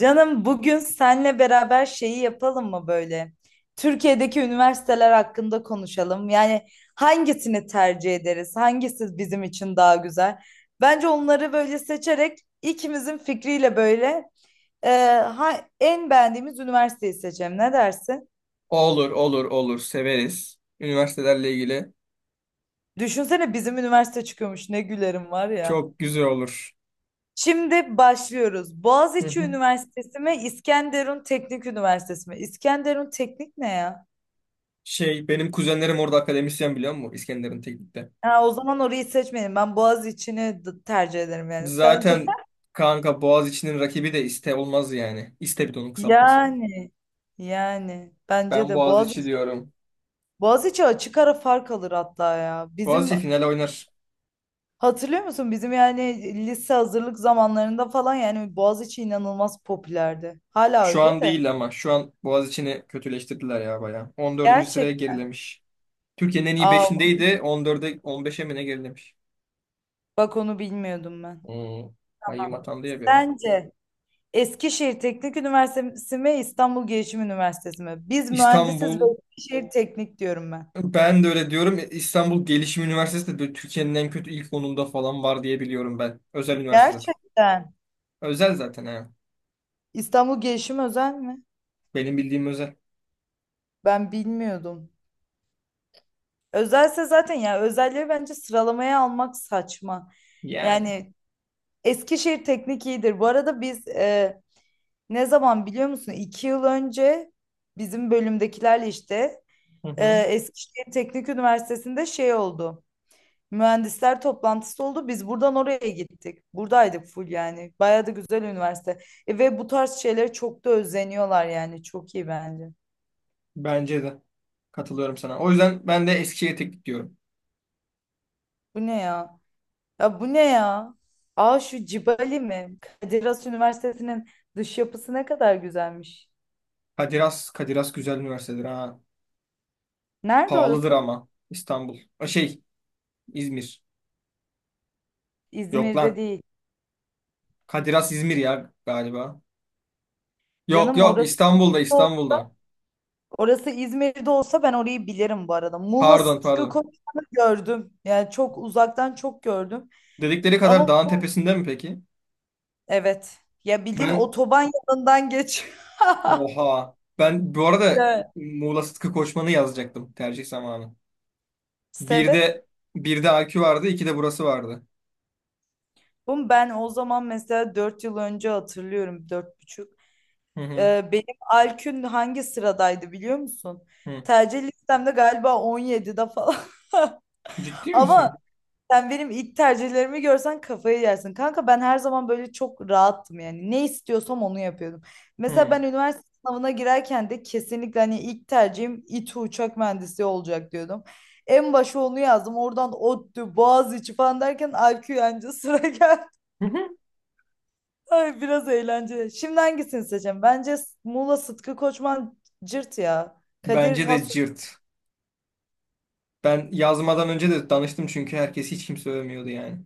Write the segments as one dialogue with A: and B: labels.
A: Canım bugün senle beraber şeyi yapalım mı böyle? Türkiye'deki üniversiteler hakkında konuşalım. Yani hangisini tercih ederiz? Hangisi bizim için daha güzel? Bence onları böyle seçerek ikimizin fikriyle böyle e, en beğendiğimiz üniversiteyi seçelim. Ne dersin?
B: Olur, olur, olur. Severiz. Üniversitelerle ilgili
A: Düşünsene bizim üniversite çıkıyormuş. Ne gülerim var ya.
B: çok güzel olur.
A: Şimdi başlıyoruz.
B: Hı
A: Boğaziçi
B: hı.
A: Üniversitesi mi, İskenderun Teknik Üniversitesi mi? İskenderun Teknik ne ya?
B: Şey, benim kuzenlerim orada akademisyen biliyor musun? İskenderun Teknik'te.
A: Ha, o zaman orayı seçmeyelim. Ben Boğaziçi'ni tercih ederim yani. Sence?
B: Zaten kanka Boğaziçi'nin rakibi de İSTE olmaz yani. İSTE bir de onun kısaltması.
A: Yani. Yani, bence
B: Ben
A: de
B: Boğaziçi
A: Boğaziçi.
B: diyorum.
A: Boğaziçi açık ara fark alır hatta ya. Bizim
B: Boğaziçi finale oynar.
A: hatırlıyor musun? Bizim yani lise hazırlık zamanlarında falan yani Boğaziçi inanılmaz popülerdi. Hala
B: Şu
A: öyle
B: an
A: de.
B: değil ama şu an Boğaziçi'ni kötüleştirdiler ya bayağı. 14. sıraya
A: Gerçek.
B: gerilemiş. Türkiye'nin en iyi
A: Aa,
B: 5'indeydi. 14'e 15'e mi ne gerilemiş?
A: bak onu bilmiyordum ben.
B: Hmm. Hayyim atandı ya bir ara.
A: Sence Eskişehir Teknik Üniversitesi mi İstanbul Gelişim Üniversitesi mi? Biz mühendisiz ve
B: İstanbul
A: Eskişehir Teknik diyorum ben.
B: Ben de öyle diyorum. İstanbul Gelişim Üniversitesi de böyle Türkiye'nin en kötü ilk onunda falan var diye biliyorum ben. Özel üniversite zaten.
A: Gerçekten.
B: Özel zaten ha.
A: İstanbul Gelişim özel mi?
B: Benim bildiğim özel.
A: Ben bilmiyordum. Özelse zaten ya özelleri bence sıralamaya almak saçma.
B: Yani.
A: Yani Eskişehir Teknik iyidir. Bu arada biz ne zaman biliyor musun? 2 yıl önce bizim bölümdekilerle işte
B: Hı hı.
A: Eskişehir Teknik Üniversitesi'nde şey oldu. Mühendisler toplantısı oldu. Biz buradan oraya gittik. Buradaydık full yani. Bayağı da güzel üniversite. Ve bu tarz şeylere çok da özeniyorlar yani. Çok iyi bence.
B: Bence de. Katılıyorum sana. O yüzden ben de Eskişehir'e tek diyorum.
A: Bu ne ya? Ya bu ne ya? Aa şu Cibali mi? Kadir Has Üniversitesi'nin dış yapısı ne kadar güzelmiş.
B: Kadiras güzel üniversitedir ha.
A: Nerede
B: Pahalıdır
A: orası?
B: ama İstanbul. O şey İzmir. Yok
A: İzmir'de
B: lan.
A: değil.
B: Kadiras İzmir ya galiba. Yok
A: Canım
B: yok,
A: orası
B: İstanbul'da İstanbul'da.
A: orası İzmir'de olsa ben orayı bilirim bu arada. Muğla
B: Pardon,
A: Sıtkı
B: pardon.
A: Koçman'ı gördüm. Yani çok uzaktan çok gördüm.
B: Dedikleri kadar
A: Ama
B: dağın
A: bu
B: tepesinde mi peki?
A: evet. Ya bildiğin
B: Ben
A: otoban yanından geç.
B: Oha. Ben bu arada
A: Evet.
B: Muğla Sıtkı Koçman'ı yazacaktım tercih zamanı. Bir
A: Sebep?
B: de bir de AQ vardı, iki de burası vardı.
A: Bu ben o zaman mesela 4 yıl önce hatırlıyorum. Dört buçuk.
B: Hı hı.
A: Benim Alkün hangi sıradaydı biliyor musun?
B: Hı.
A: Tercih listemde galiba 17'de falan.
B: Ciddi
A: Ama
B: misin?
A: sen benim ilk tercihlerimi görsen kafayı yersin. Kanka ben her zaman böyle çok rahattım yani. Ne istiyorsam onu yapıyordum. Mesela
B: Hı.
A: ben üniversite sınavına girerken de kesinlikle hani ilk tercihim İTÜ uçak mühendisi olacak diyordum. En başa onu yazdım. Oradan ODTÜ, Boğaziçi falan derken Alkün anca sıra geldi.
B: Hı hı.
A: Ay biraz eğlenceli. Şimdi hangisini seçeceğim? Bence Muğla Sıtkı Koçman cırt ya. Kadir
B: Bence de
A: Has
B: cırt. Ben yazmadan önce de danıştım çünkü herkes hiç kimse övmüyordu yani.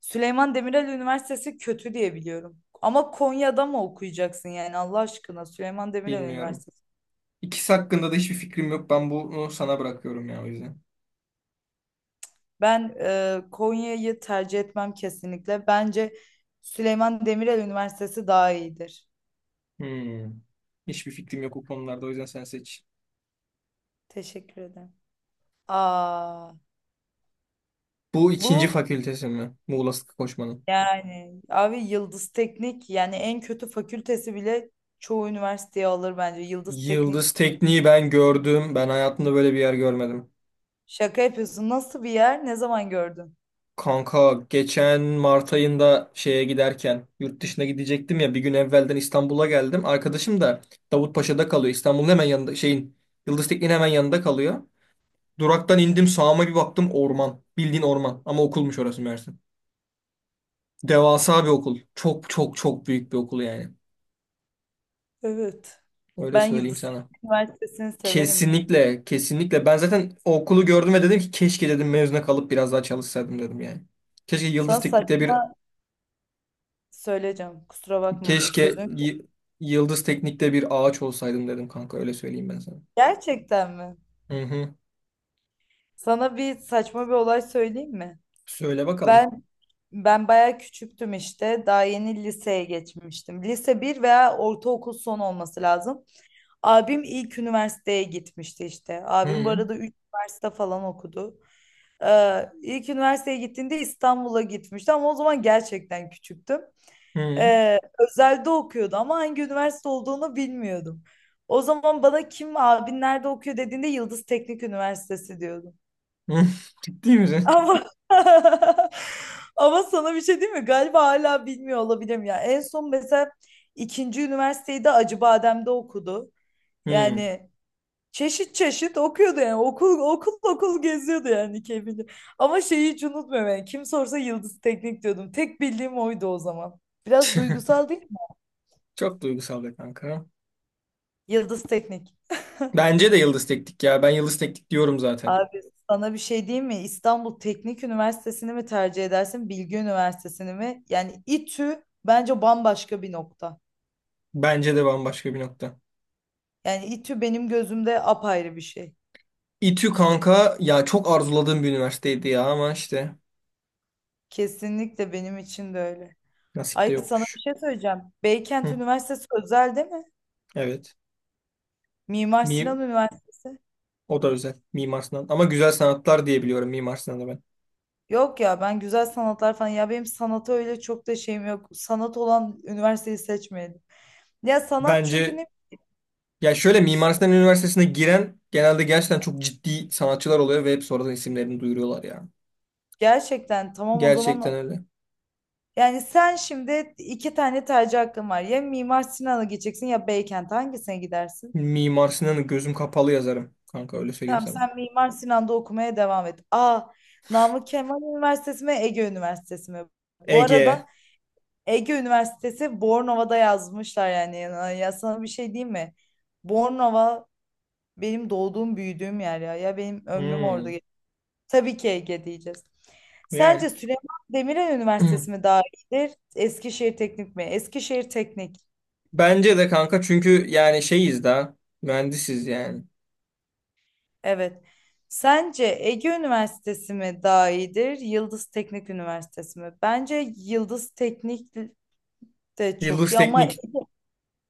A: Süleyman Demirel Üniversitesi kötü diye biliyorum. Ama Konya'da mı okuyacaksın yani Allah aşkına Süleyman Demirel
B: Bilmiyorum.
A: Üniversitesi.
B: İkisi hakkında da hiçbir fikrim yok. Ben bunu sana bırakıyorum ya o yüzden.
A: Ben Konya'yı tercih etmem kesinlikle. Bence Süleyman Demirel Üniversitesi daha iyidir.
B: Hı. Hiçbir fikrim yok o konularda o yüzden sen seç.
A: Teşekkür ederim. Aa,
B: Bu ikinci
A: bu
B: fakültesi mi? Muğla Sıtkı Koçman'ın.
A: yani abi Yıldız Teknik yani en kötü fakültesi bile çoğu üniversiteye alır bence. Yıldız Teknik.
B: Yıldız tekniği ben gördüm. Ben hayatımda böyle bir yer görmedim.
A: Şaka yapıyorsun. Nasıl bir yer? Ne zaman gördün?
B: Kanka geçen Mart ayında şeye giderken yurt dışına gidecektim ya bir gün evvelden İstanbul'a geldim. Arkadaşım da Davutpaşa'da kalıyor. İstanbul'un hemen yanında şeyin Yıldız Tekniği'nin hemen yanında kalıyor. Duraktan indim sağıma bir baktım orman. Bildiğin orman ama okulmuş orası Mersin. Devasa bir okul. Çok çok çok büyük bir okul yani.
A: Evet.
B: Öyle
A: Ben
B: söyleyeyim
A: Yıldız
B: sana.
A: Teknik Üniversitesi'ni severim ya.
B: Kesinlikle, kesinlikle. Ben zaten o okulu gördüm ve dedim ki keşke dedim mezuna kalıp biraz daha çalışsaydım dedim yani. Keşke Yıldız
A: Sana
B: Teknik'te bir
A: saçma söyleyeceğim. Kusura bakma bu
B: keşke
A: sözün.
B: Y- Yıldız Teknik'te bir ağaç olsaydım dedim kanka öyle söyleyeyim ben sana.
A: Gerçekten mi?
B: Hı hı.
A: Sana bir saçma bir olay söyleyeyim mi?
B: Söyle bakalım.
A: Ben ben bayağı küçüktüm işte. Daha yeni liseye geçmiştim. Lise bir veya ortaokul son olması lazım. Abim ilk üniversiteye gitmişti işte.
B: Hı
A: Abim bu
B: hı.
A: arada 3 üniversite falan okudu. İlk üniversiteye gittiğinde İstanbul'a gitmişti ama o zaman gerçekten küçüktüm.
B: Hı
A: Özelde okuyordu ama hangi üniversite olduğunu bilmiyordum. O zaman bana kim abin nerede okuyor dediğinde Yıldız Teknik Üniversitesi diyordum.
B: hı. Ciddi misin?
A: Ama ama sana bir şey diyeyim mi? Galiba hala bilmiyor olabilirim ya. En son mesela ikinci üniversiteyi de Acıbadem'de okudu.
B: Hı.
A: Yani çeşit çeşit okuyordu yani okul okul okul geziyordu yani Kevin'i. Ama şeyi hiç unutmuyorum yani kim sorsa Yıldız Teknik diyordum. Tek bildiğim oydu o zaman. Biraz duygusal değil mi?
B: Çok duygusal be kanka.
A: Yıldız Teknik.
B: Bence de Yıldız Teknik ya. Ben Yıldız Teknik diyorum zaten.
A: Abi sana bir şey diyeyim mi? İstanbul Teknik Üniversitesi'ni mi tercih edersin, Bilgi Üniversitesi'ni mi? Yani İTÜ bence bambaşka bir nokta.
B: Bence de bambaşka bir nokta.
A: Yani İTÜ benim gözümde apayrı bir şey.
B: İTÜ kanka ya çok arzuladığım bir üniversiteydi ya ama işte
A: Kesinlikle benim için de öyle.
B: nasip de
A: Ay sana bir
B: yokmuş.
A: şey söyleyeceğim. Beykent
B: Hı.
A: Üniversitesi özel değil mi?
B: Evet.
A: Mimar
B: Mi
A: Sinan Üniversitesi.
B: O da özel. Mimar Sinan. Ama güzel sanatlar diye biliyorum Mimar Sinan'ı ben.
A: Yok ya ben güzel sanatlar falan ya benim sanata öyle çok da şeyim yok. Sanat olan üniversiteyi seçmeyelim. Ya sanat çünkü
B: Bence
A: ne
B: Ya şöyle Mimar Sinan Üniversitesi'ne giren genelde gerçekten çok ciddi sanatçılar oluyor ve hep sonradan isimlerini duyuruyorlar ya.
A: gerçekten tamam o
B: Gerçekten
A: zaman
B: öyle.
A: yani sen şimdi iki tane tercih hakkın var. Ya Mimar Sinan'a gideceksin ya Beykent hangisine gidersin?
B: Mimar Sinan'ı gözüm kapalı yazarım. Kanka öyle söyleyeyim
A: Tamam
B: sana.
A: sen Mimar Sinan'da okumaya devam et. Aa Namık Kemal Üniversitesi mi Ege Üniversitesi mi? Bu
B: Ege.
A: arada Ege Üniversitesi Bornova'da yazmışlar yani. Ya sana bir şey diyeyim mi? Bornova benim doğduğum, büyüdüğüm yer ya. Ya benim ömrüm orada
B: Hmm,
A: geçti. Tabii ki Ege diyeceğiz.
B: yani.
A: Sence Süleyman Demirel Üniversitesi mi daha iyidir? Eskişehir Teknik mi? Eskişehir Teknik.
B: Bence de kanka çünkü yani şeyiz daha. Mühendisiz yani.
A: Evet. Sence Ege Üniversitesi mi daha iyidir? Yıldız Teknik Üniversitesi mi? Bence Yıldız Teknik de çok
B: Yıldız
A: iyi ama
B: Teknik.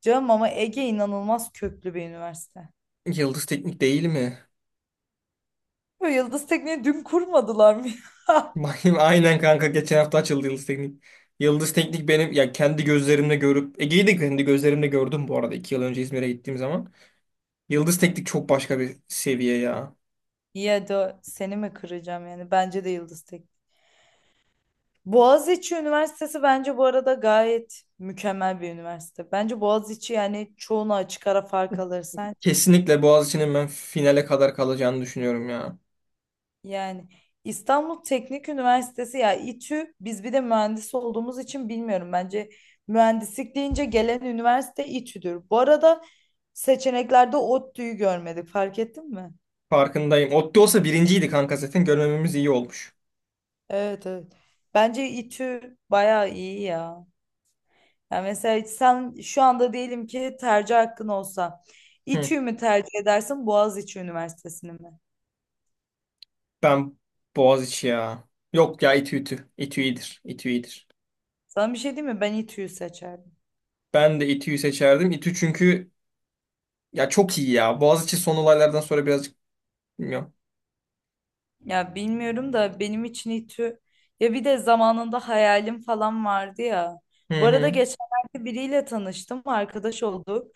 A: canım ama Ege inanılmaz köklü bir üniversite.
B: Yıldız Teknik değil mi?
A: Bu Yıldız Teknik'i dün kurmadılar mı? Ya
B: Bakayım aynen kanka geçen hafta açıldı Yıldız Teknik. Yıldız Teknik benim ya kendi gözlerimle görüp Ege'yi de kendi gözlerimle gördüm bu arada 2 yıl önce İzmir'e gittiğim zaman. Yıldız Teknik çok başka bir seviye ya.
A: ya da seni mi kıracağım yani? Bence de Yıldız Teknik. Boğaziçi Üniversitesi bence bu arada gayet mükemmel bir üniversite. Bence Boğaziçi yani çoğuna açık ara fark alır sence.
B: Kesinlikle Boğaziçi'nin ben finale kadar kalacağını düşünüyorum ya.
A: Yani İstanbul Teknik Üniversitesi ya İTÜ biz bir de mühendis olduğumuz için bilmiyorum. Bence mühendislik deyince gelen üniversite İTÜ'dür. Bu arada seçeneklerde ODTÜ'yü görmedik fark ettin mi?
B: Farkındayım. Otti olsa birinciydi kanka zaten görmememiz iyi olmuş.
A: Evet, evet. Bence İTÜ bayağı iyi ya. Yani mesela sen şu anda diyelim ki tercih hakkın olsa
B: Hı.
A: İTÜ'yü mü tercih edersin Boğaziçi Üniversitesi'ni mi?
B: Ben Boğaziçi ya. Yok ya, İTÜ. İTÜ iyidir. İTÜ iyidir.
A: Sana bir şey diyeyim mi? Ben İTÜ'yü seçerdim.
B: Ben de İTÜ'yü seçerdim. İTÜ çünkü ya çok iyi ya. Boğaziçi son olaylardan sonra birazcık bilmiyorum.
A: Ya bilmiyorum da benim için İTÜ ya bir de zamanında hayalim falan vardı ya.
B: Hı
A: Bu arada
B: hı.
A: geçenlerde biriyle tanıştım, arkadaş olduk.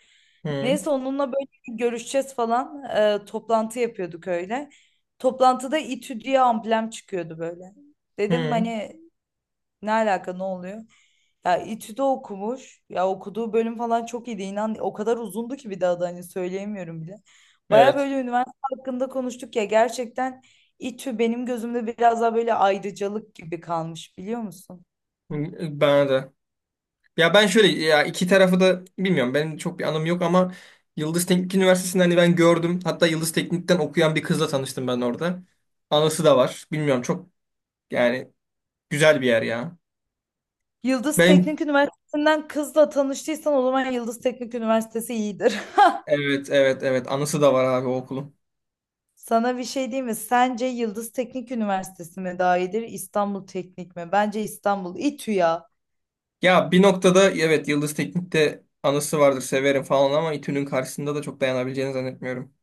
B: Hı.
A: Neyse onunla böyle bir görüşeceğiz falan toplantı yapıyorduk öyle. Toplantıda İTÜ diye amblem çıkıyordu böyle. Dedim
B: Hı,
A: hani ne alaka ne oluyor? Ya İTÜ'de okumuş. Ya okuduğu bölüm falan çok iyiydi. İnan o kadar uzundu ki bir daha da hani söyleyemiyorum bile. Baya
B: evet.
A: böyle üniversite hakkında konuştuk ya gerçekten İTÜ benim gözümde biraz daha böyle ayrıcalık gibi kalmış biliyor musun?
B: Bana da. Ya ben şöyle ya iki tarafı da bilmiyorum. Benim çok bir anım yok ama Yıldız Teknik Üniversitesi'nde hani ben gördüm. Hatta Yıldız Teknik'ten okuyan bir kızla tanıştım ben orada. Anısı da var. Bilmiyorum çok yani güzel bir yer ya.
A: Yıldız
B: Ben
A: Teknik Üniversitesi'nden kızla tanıştıysan o zaman Yıldız Teknik Üniversitesi iyidir.
B: evet, evet, evet, anısı da var abi o okulun.
A: Sana bir şey diyeyim mi? Sence Yıldız Teknik Üniversitesi mi daha iyidir, İstanbul Teknik mi? Bence İstanbul. İTÜ ya.
B: Ya bir noktada evet Yıldız Teknik'te anısı vardır severim falan ama İTÜ'nün karşısında da çok dayanabileceğini zannetmiyorum.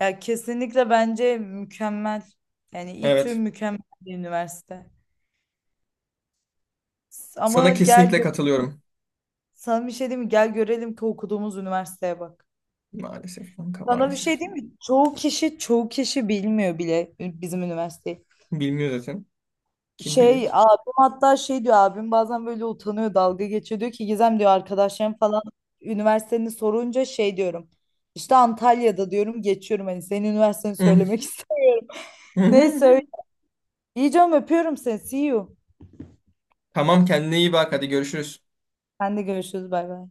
A: Ya kesinlikle bence mükemmel. Yani İTÜ
B: Evet.
A: mükemmel bir üniversite. S- Ama
B: Sana
A: gel
B: kesinlikle
A: gö-
B: katılıyorum.
A: Sana bir şey diyeyim mi? Gel görelim ki okuduğumuz üniversiteye bak.
B: Maalesef kanka,
A: Sana bir şey
B: maalesef.
A: diyeyim mi? Çoğu kişi bilmiyor bile bizim üniversiteyi.
B: Bilmiyor zaten. Kim biliyor
A: Şey
B: ki?
A: abim hatta şey diyor abim bazen böyle utanıyor dalga geçiyor diyor ki Gizem diyor arkadaşlarım falan üniversiteni sorunca şey diyorum. İşte Antalya'da diyorum geçiyorum hani senin üniversiteni söylemek istedim. Neyse öyle. İyi canım öpüyorum seni. See you.
B: Tamam, kendine iyi bak, hadi görüşürüz.
A: Sen de görüşürüz. Bay bay.